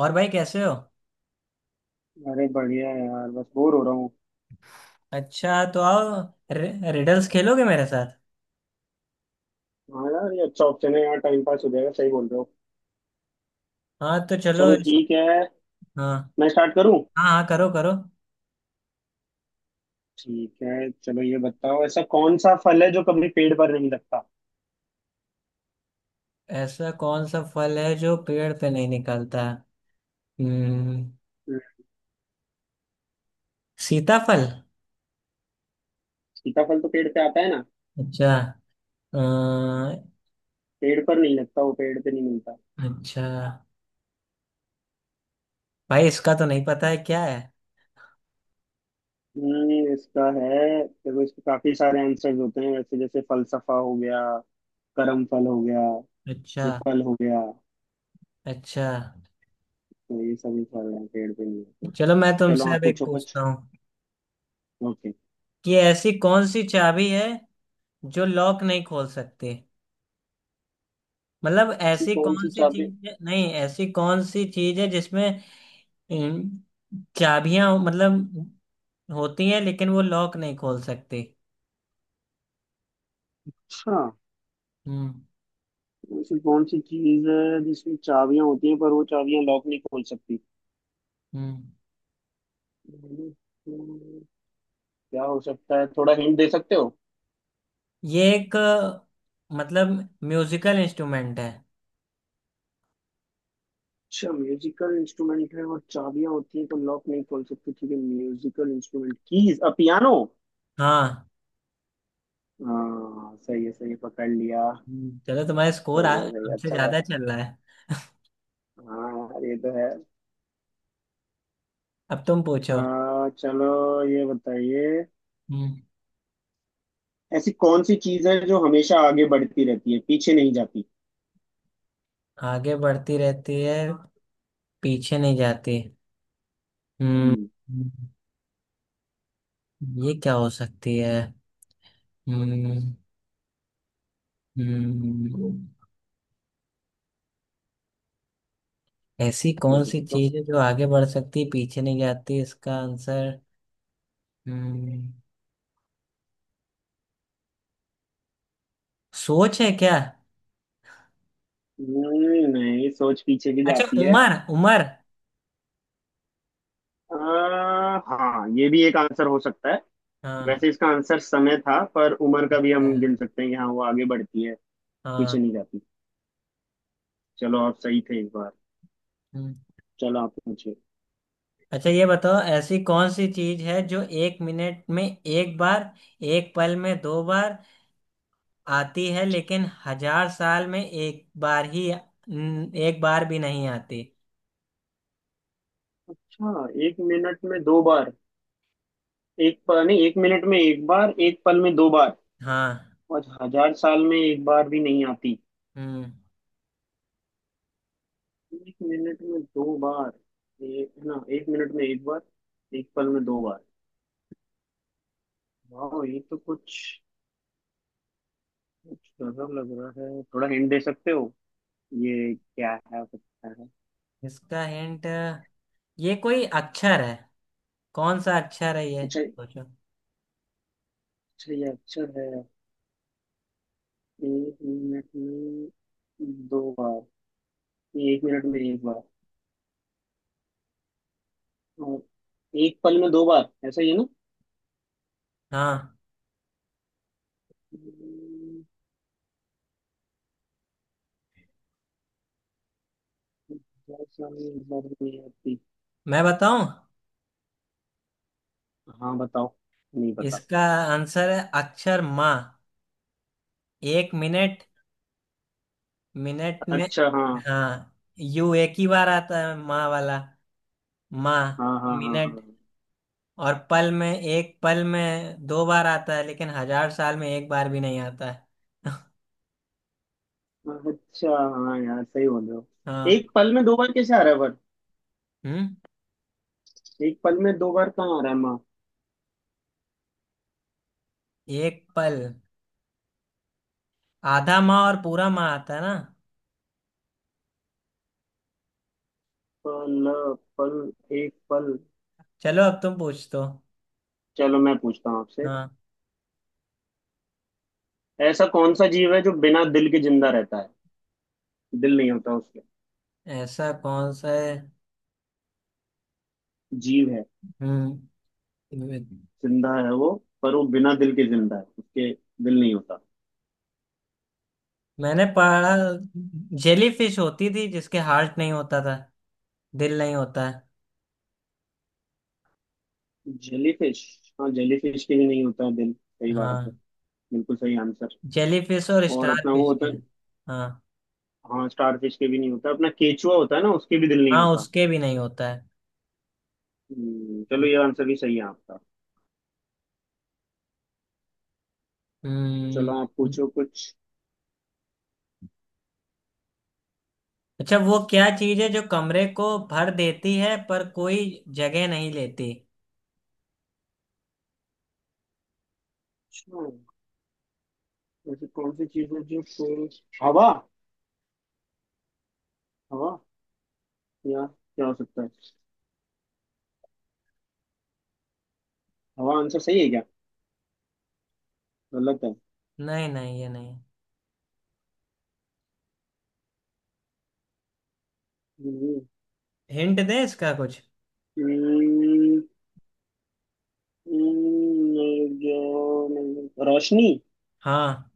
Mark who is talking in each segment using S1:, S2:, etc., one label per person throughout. S1: और भाई, कैसे हो?
S2: अरे बढ़िया है यार, बस बोर हो रहा हूँ।
S1: अच्छा, तो आओ। रिडल्स खेलोगे मेरे साथ?
S2: हाँ यार, ये अच्छा ऑप्शन है यार, टाइम पास हो जाएगा। सही बोल रहे हो।
S1: हाँ, तो चलो।
S2: चलो ठीक है।
S1: हाँ
S2: मैं स्टार्ट करूँ?
S1: हाँ हाँ, करो करो।
S2: ठीक है चलो, ये बताओ, ऐसा कौन सा फल है जो कभी पेड़ पर नहीं लगता?
S1: ऐसा कौन सा फल है जो पेड़ पे नहीं निकलता? हम्म।
S2: हम्म।
S1: सीताफल।
S2: सीताफल तो पेड़ पे आता है ना।
S1: अच्छा। अ,
S2: पेड़ पर नहीं लगता, वो पेड़ पे नहीं मिलता।
S1: अच्छा। भाई, इसका तो नहीं पता है, क्या है?
S2: हम्म, इसका है। देखो, इसके काफी सारे आंसर्स होते हैं वैसे, जैसे फलसफा हो गया, करम फल हो गया,
S1: अच्छा।
S2: ये फल हो गया,
S1: अच्छा।
S2: तो ये सभी फल हैं, पेड़ पे नहीं होते।
S1: चलो, मैं
S2: चलो
S1: तुमसे
S2: आप
S1: अब एक
S2: पूछो कुछ।
S1: पूछता हूँ
S2: ओके।
S1: कि ऐसी कौन सी चाबी है जो लॉक नहीं खोल सकती। मतलब
S2: ऐसी
S1: ऐसी
S2: कौन
S1: कौन
S2: सी
S1: सी
S2: चाबी?
S1: चीज है, नहीं, ऐसी कौन सी चीज है जिसमें इन चाबियां मतलब होती हैं लेकिन वो लॉक नहीं खोल सकती।
S2: अच्छा,
S1: हम्म।
S2: ऐसी कौन सी चीज है जिसमें चाबियां होती हैं पर वो चाबियां लॉक नहीं खोल सकती?
S1: हम्म।
S2: हम्म, क्या हो सकता है? थोड़ा हिंट दे सकते हो?
S1: ये एक, मतलब, म्यूजिकल इंस्ट्रूमेंट है।
S2: अच्छा, म्यूजिकल इंस्ट्रूमेंट है और चाबियां होती हैं पर लॉक नहीं खोल सकती। ठीक है, musical instrument keys, uh piano.
S1: हाँ।
S2: हाँ सही है, सही है, पकड़ लिया।
S1: चलो तुम्हारा स्कोर
S2: सही है सही है,
S1: हमसे
S2: अच्छा था।
S1: ज्यादा चल रहा है।
S2: हाँ यार, ये तो है।
S1: अब तुम पूछो।
S2: चलो ये बताइए,
S1: हम्म।
S2: ऐसी कौन सी चीज है जो हमेशा आगे बढ़ती रहती है, पीछे नहीं जाती?
S1: आगे बढ़ती रहती है, पीछे नहीं जाती। हम्म।
S2: हम्म।
S1: हम्म, ये क्या हो सकती है? हम्म। हम्म। ऐसी कौन
S2: सोचो
S1: सी
S2: सोचो।
S1: चीज है जो आगे बढ़ सकती है पीछे नहीं जाती, इसका आंसर? हम्म। सोच है क्या?
S2: नहीं, सोच पीछे की
S1: अच्छा,
S2: जाती है।
S1: उमर, उमर।
S2: हाँ, ये भी एक आंसर हो सकता है।
S1: हाँ।
S2: वैसे इसका आंसर समय था, पर उम्र का भी
S1: अच्छा।
S2: हम गिन सकते हैं कि हाँ, वो आगे बढ़ती है,
S1: हाँ।
S2: पीछे नहीं जाती। चलो आप सही थे एक बार।
S1: हम्म।
S2: चलो आप पूछिए।
S1: अच्छा, ये बताओ, ऐसी कौन सी चीज है जो एक मिनट में एक बार, एक पल में दो बार आती है लेकिन हजार साल में एक बार ही, एक बार भी नहीं आती।
S2: अच्छा, एक मिनट में दो बार। एक पल नहीं, एक मिनट में एक बार, एक पल में दो बार,
S1: हाँ।
S2: और हजार साल में एक बार भी नहीं आती।
S1: हम्म।
S2: एक मिनट में दो बार, एक ना एक मिनट में एक बार, एक पल में दो बार। वाह, ये तो कुछ कुछ गजब लग रहा है। थोड़ा हिंट दे सकते हो? ये क्या है हो सकता है?
S1: इसका हिंट, ये कोई अक्षर है, कौन सा अक्षर है ये
S2: अच्छा।
S1: सोचो।
S2: अच्छा, ये अक्षर है। एक मिनट में दो बार, एक मिनट में एक बार, और एक पल में दो बार, ऐसा ही है ना?
S1: हाँ।
S2: हम्म। बहुत सारी एक बार में नहीं आती।
S1: मैं बताऊं?
S2: हाँ बताओ, नहीं पता।
S1: इसका आंसर है, अक्षर माँ। एक मिनट, मिनट में।
S2: अच्छा, हाँ
S1: हाँ। यू एक ही बार आता है, माँ वाला। माँ
S2: हाँ हाँ।
S1: मिनट
S2: हाँ,
S1: और पल में, एक पल में दो बार आता है लेकिन हजार साल में एक बार भी नहीं आता है।
S2: हाँ, अच्छा, हाँ यार, सही बोल रहे हो।
S1: हाँ।
S2: एक पल में दो बार कैसे आ रहा है?
S1: हम्म।
S2: पर एक पल में दो बार कहाँ आ रहा है माँ?
S1: एक पल, आधा माँ और पूरा माँ आता है ना।
S2: पल। पल। एक पल।
S1: चलो, अब तुम पूछ दो।
S2: चलो मैं पूछता हूँ आपसे,
S1: हाँ।
S2: ऐसा कौन सा जीव है जो बिना दिल के जिंदा रहता है? दिल नहीं होता उसके।
S1: ऐसा कौन सा है?
S2: जीव है,
S1: हम्म।
S2: जिंदा है वो, पर वो बिना दिल के जिंदा है, उसके दिल नहीं होता।
S1: मैंने पढ़ा जेली फिश होती थी जिसके हार्ट नहीं होता था, दिल नहीं होता है।
S2: जेलीफिश। हाँ, जेलीफिश के भी नहीं होता है दिल, सही बात है।
S1: हाँ,
S2: बिल्कुल सही आंसर।
S1: जेलीफिश और
S2: और
S1: स्टार
S2: अपना वो
S1: फिश के।
S2: होता है।
S1: हाँ
S2: हाँ, स्टारफिश के भी नहीं होता। अपना केचुआ होता है ना, उसके भी दिल नहीं
S1: हाँ,
S2: होता।
S1: उसके भी नहीं होता है।
S2: चलो ये आंसर भी सही है आपका।
S1: हम्म।
S2: चलो आप पूछो कुछ।
S1: अच्छा, वो क्या चीज है जो कमरे को भर देती है पर कोई जगह नहीं लेती?
S2: अच्छा, ऐसी कौन सी चीज है जो शोर? हवा? हवा या क्या हो सकता है? हवा आंसर सही है क्या? गलत है?
S1: नहीं नहीं, ये नहीं।
S2: हम्म।
S1: हिंट दे इसका कुछ।
S2: हम्म। जो नहीं- रोशनी।
S1: हाँ।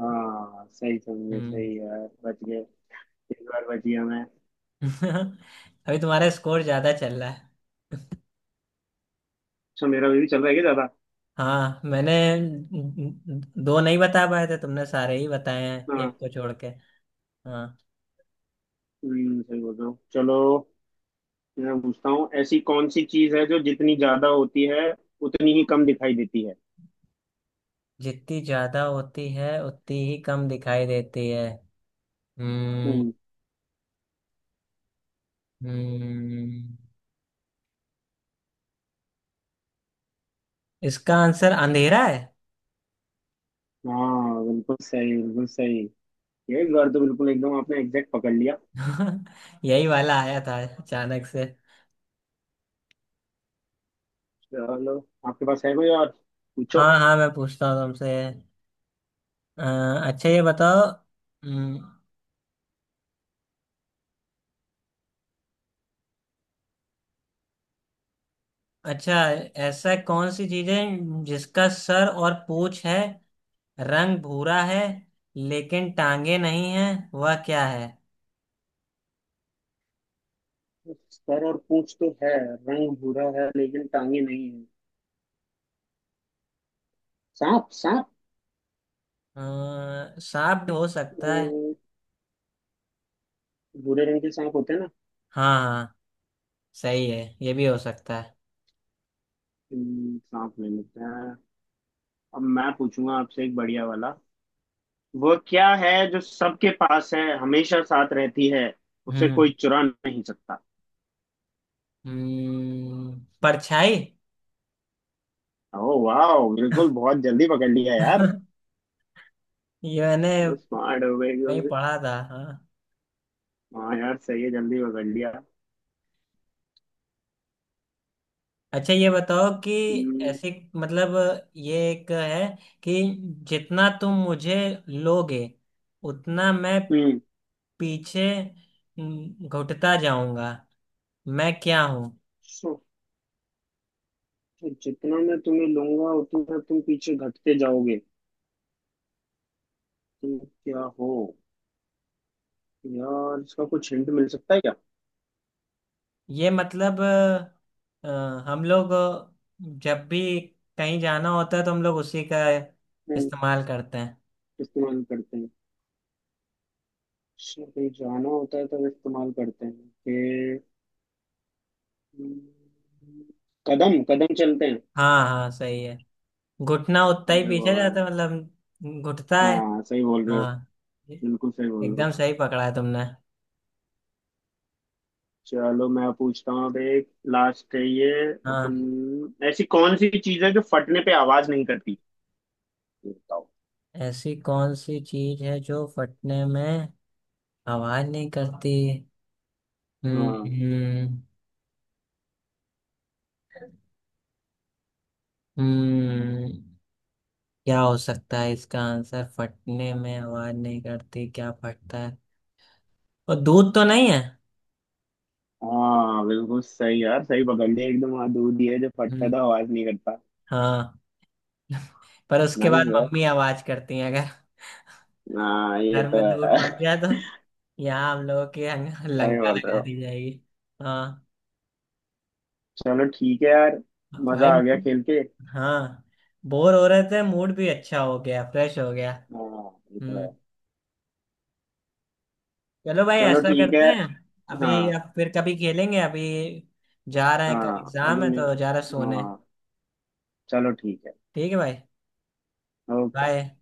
S2: हाँ सही समझे,
S1: हम्म।
S2: सही यार, बच गए। इस बार बच गया मैं।
S1: अभी तुम्हारा स्कोर ज्यादा चल रहा है।
S2: अच्छा, मेरा भी चल रहा है क्या ज्यादा?
S1: हाँ, मैंने दो नहीं बता पाए थे, तुमने सारे ही बताए हैं
S2: हाँ।
S1: एक को छोड़ के। हाँ।
S2: हम्म, सही बोल रहे हो। चलो मैं पूछता हूँ, ऐसी कौन सी चीज है जो जितनी ज्यादा होती है, उतनी ही कम दिखाई देती है?
S1: जितनी ज्यादा होती है उतनी ही कम दिखाई देती है। हम्म।
S2: हम्म।
S1: हम्म। इसका आंसर अंधेरा है।
S2: हाँ बिल्कुल सही, बिल्कुल सही। ये एक बार तो बिल्कुल एकदम आपने एग्जैक्ट पकड़ लिया।
S1: यही वाला आया था अचानक से।
S2: चलो, आपके पास है कोई और, पूछो।
S1: हाँ हाँ, मैं पूछता हूँ तुमसे। अ, अच्छा, ये बताओ। हम्म। अच्छा। ऐसा कौन सी चीज है जिसका सर और पूंछ है, रंग भूरा है लेकिन टांगे नहीं है, वह क्या है?
S2: सर और पूंछ तो है, रंग भूरा है, लेकिन टांगे नहीं है। सांप, सांप।
S1: सांप भी हो सकता है।
S2: अम, भूरे रंग के सांप होते हैं ना।
S1: हाँ हाँ, सही है, ये भी हो सकता है।
S2: सांप नहीं होते हैं? अब मैं पूछूंगा आपसे एक बढ़िया वाला। वो क्या है जो सबके पास है, हमेशा साथ रहती है, उसे
S1: हम्म।
S2: कोई चुरा नहीं सकता?
S1: परछाई।
S2: ओ वाह, बिल्कुल, बहुत जल्दी पकड़ लिया यार।
S1: ये मैंने
S2: स्मार्ट हो गए एकदम
S1: नहीं
S2: से।
S1: पढ़ा था। हाँ।
S2: हाँ यार, सही है, जल्दी पकड़ लिया।
S1: अच्छा, ये बताओ कि
S2: हम्म।
S1: ऐसे, मतलब ये एक है कि जितना तुम मुझे लोगे उतना मैं
S2: हम्म।
S1: पीछे, घुटता जाऊंगा। मैं क्या हूँ?
S2: सो- जितना मैं तुम्हें लूंगा उतना तुम पीछे घटते जाओगे, तुम क्या हो? यार इसका कुछ हिंट मिल सकता है क्या?
S1: ये मतलब, अ, हम लोग जब भी कहीं जाना होता है तो हम लोग उसी का
S2: हम्म,
S1: इस्तेमाल करते हैं।
S2: इस्तेमाल करते हैं। अच्छा, कहीं जाना होता है तब इस्तेमाल करते हैं फिर। हम्म, कदम कदम चलते हैं।
S1: हाँ हाँ, सही है, घुटना उतना ही
S2: अरे
S1: पीछे
S2: वाह
S1: जाता
S2: यार।
S1: है, मतलब घुटता है।
S2: हाँ सही बोल रहे हो,
S1: हाँ।
S2: बिल्कुल सही बोल रहे
S1: एकदम
S2: हो।
S1: सही पकड़ा है तुमने।
S2: चलो मैं पूछता हूँ अब एक, लास्ट है ये।
S1: हाँ।
S2: अपन, ऐसी कौन सी चीज है जो फटने पे आवाज नहीं करती, ये बताओ।
S1: ऐसी कौन सी चीज है जो फटने में आवाज नहीं करती? हम्म।
S2: हाँ।
S1: हम्म। हम्म, क्या हो सकता है इसका आंसर? फटने में आवाज नहीं करती, क्या फटता है? और दूध तो नहीं है?
S2: हाँ बिल्कुल सही यार, सही पकड़ लिया एकदम। हाँ दूध ही है जो फटता
S1: हम्म।
S2: था, आवाज नहीं करता।
S1: हाँ, पर उसके बाद
S2: नाइस।
S1: मम्मी आवाज करती है, अगर
S2: हाँ ये
S1: घर
S2: तो
S1: में दूध
S2: है।
S1: फट जाए तो। यहाँ, हम लोगों के यहाँ,
S2: सही
S1: लंका
S2: बोल रहे
S1: लगा
S2: हो।
S1: दी जाएगी। हाँ।
S2: चलो ठीक है यार, मजा
S1: भाई,
S2: आ गया खेल के।
S1: हाँ, बोर हो रहे थे, मूड भी अच्छा हो गया, फ्रेश हो गया।
S2: हाँ ये तो है।
S1: हम्म। चलो भाई,
S2: चलो
S1: ऐसा
S2: ठीक
S1: करते
S2: है।
S1: हैं, अभी
S2: हाँ।
S1: अब फिर कभी खेलेंगे, अभी जा रहे हैं, कल
S2: हाँ
S1: एग्जाम
S2: अभी
S1: है
S2: मैं,
S1: तो जा रहे हैं सोने।
S2: हाँ, चलो ठीक है।
S1: ठीक है भाई,
S2: ओके।
S1: बाय।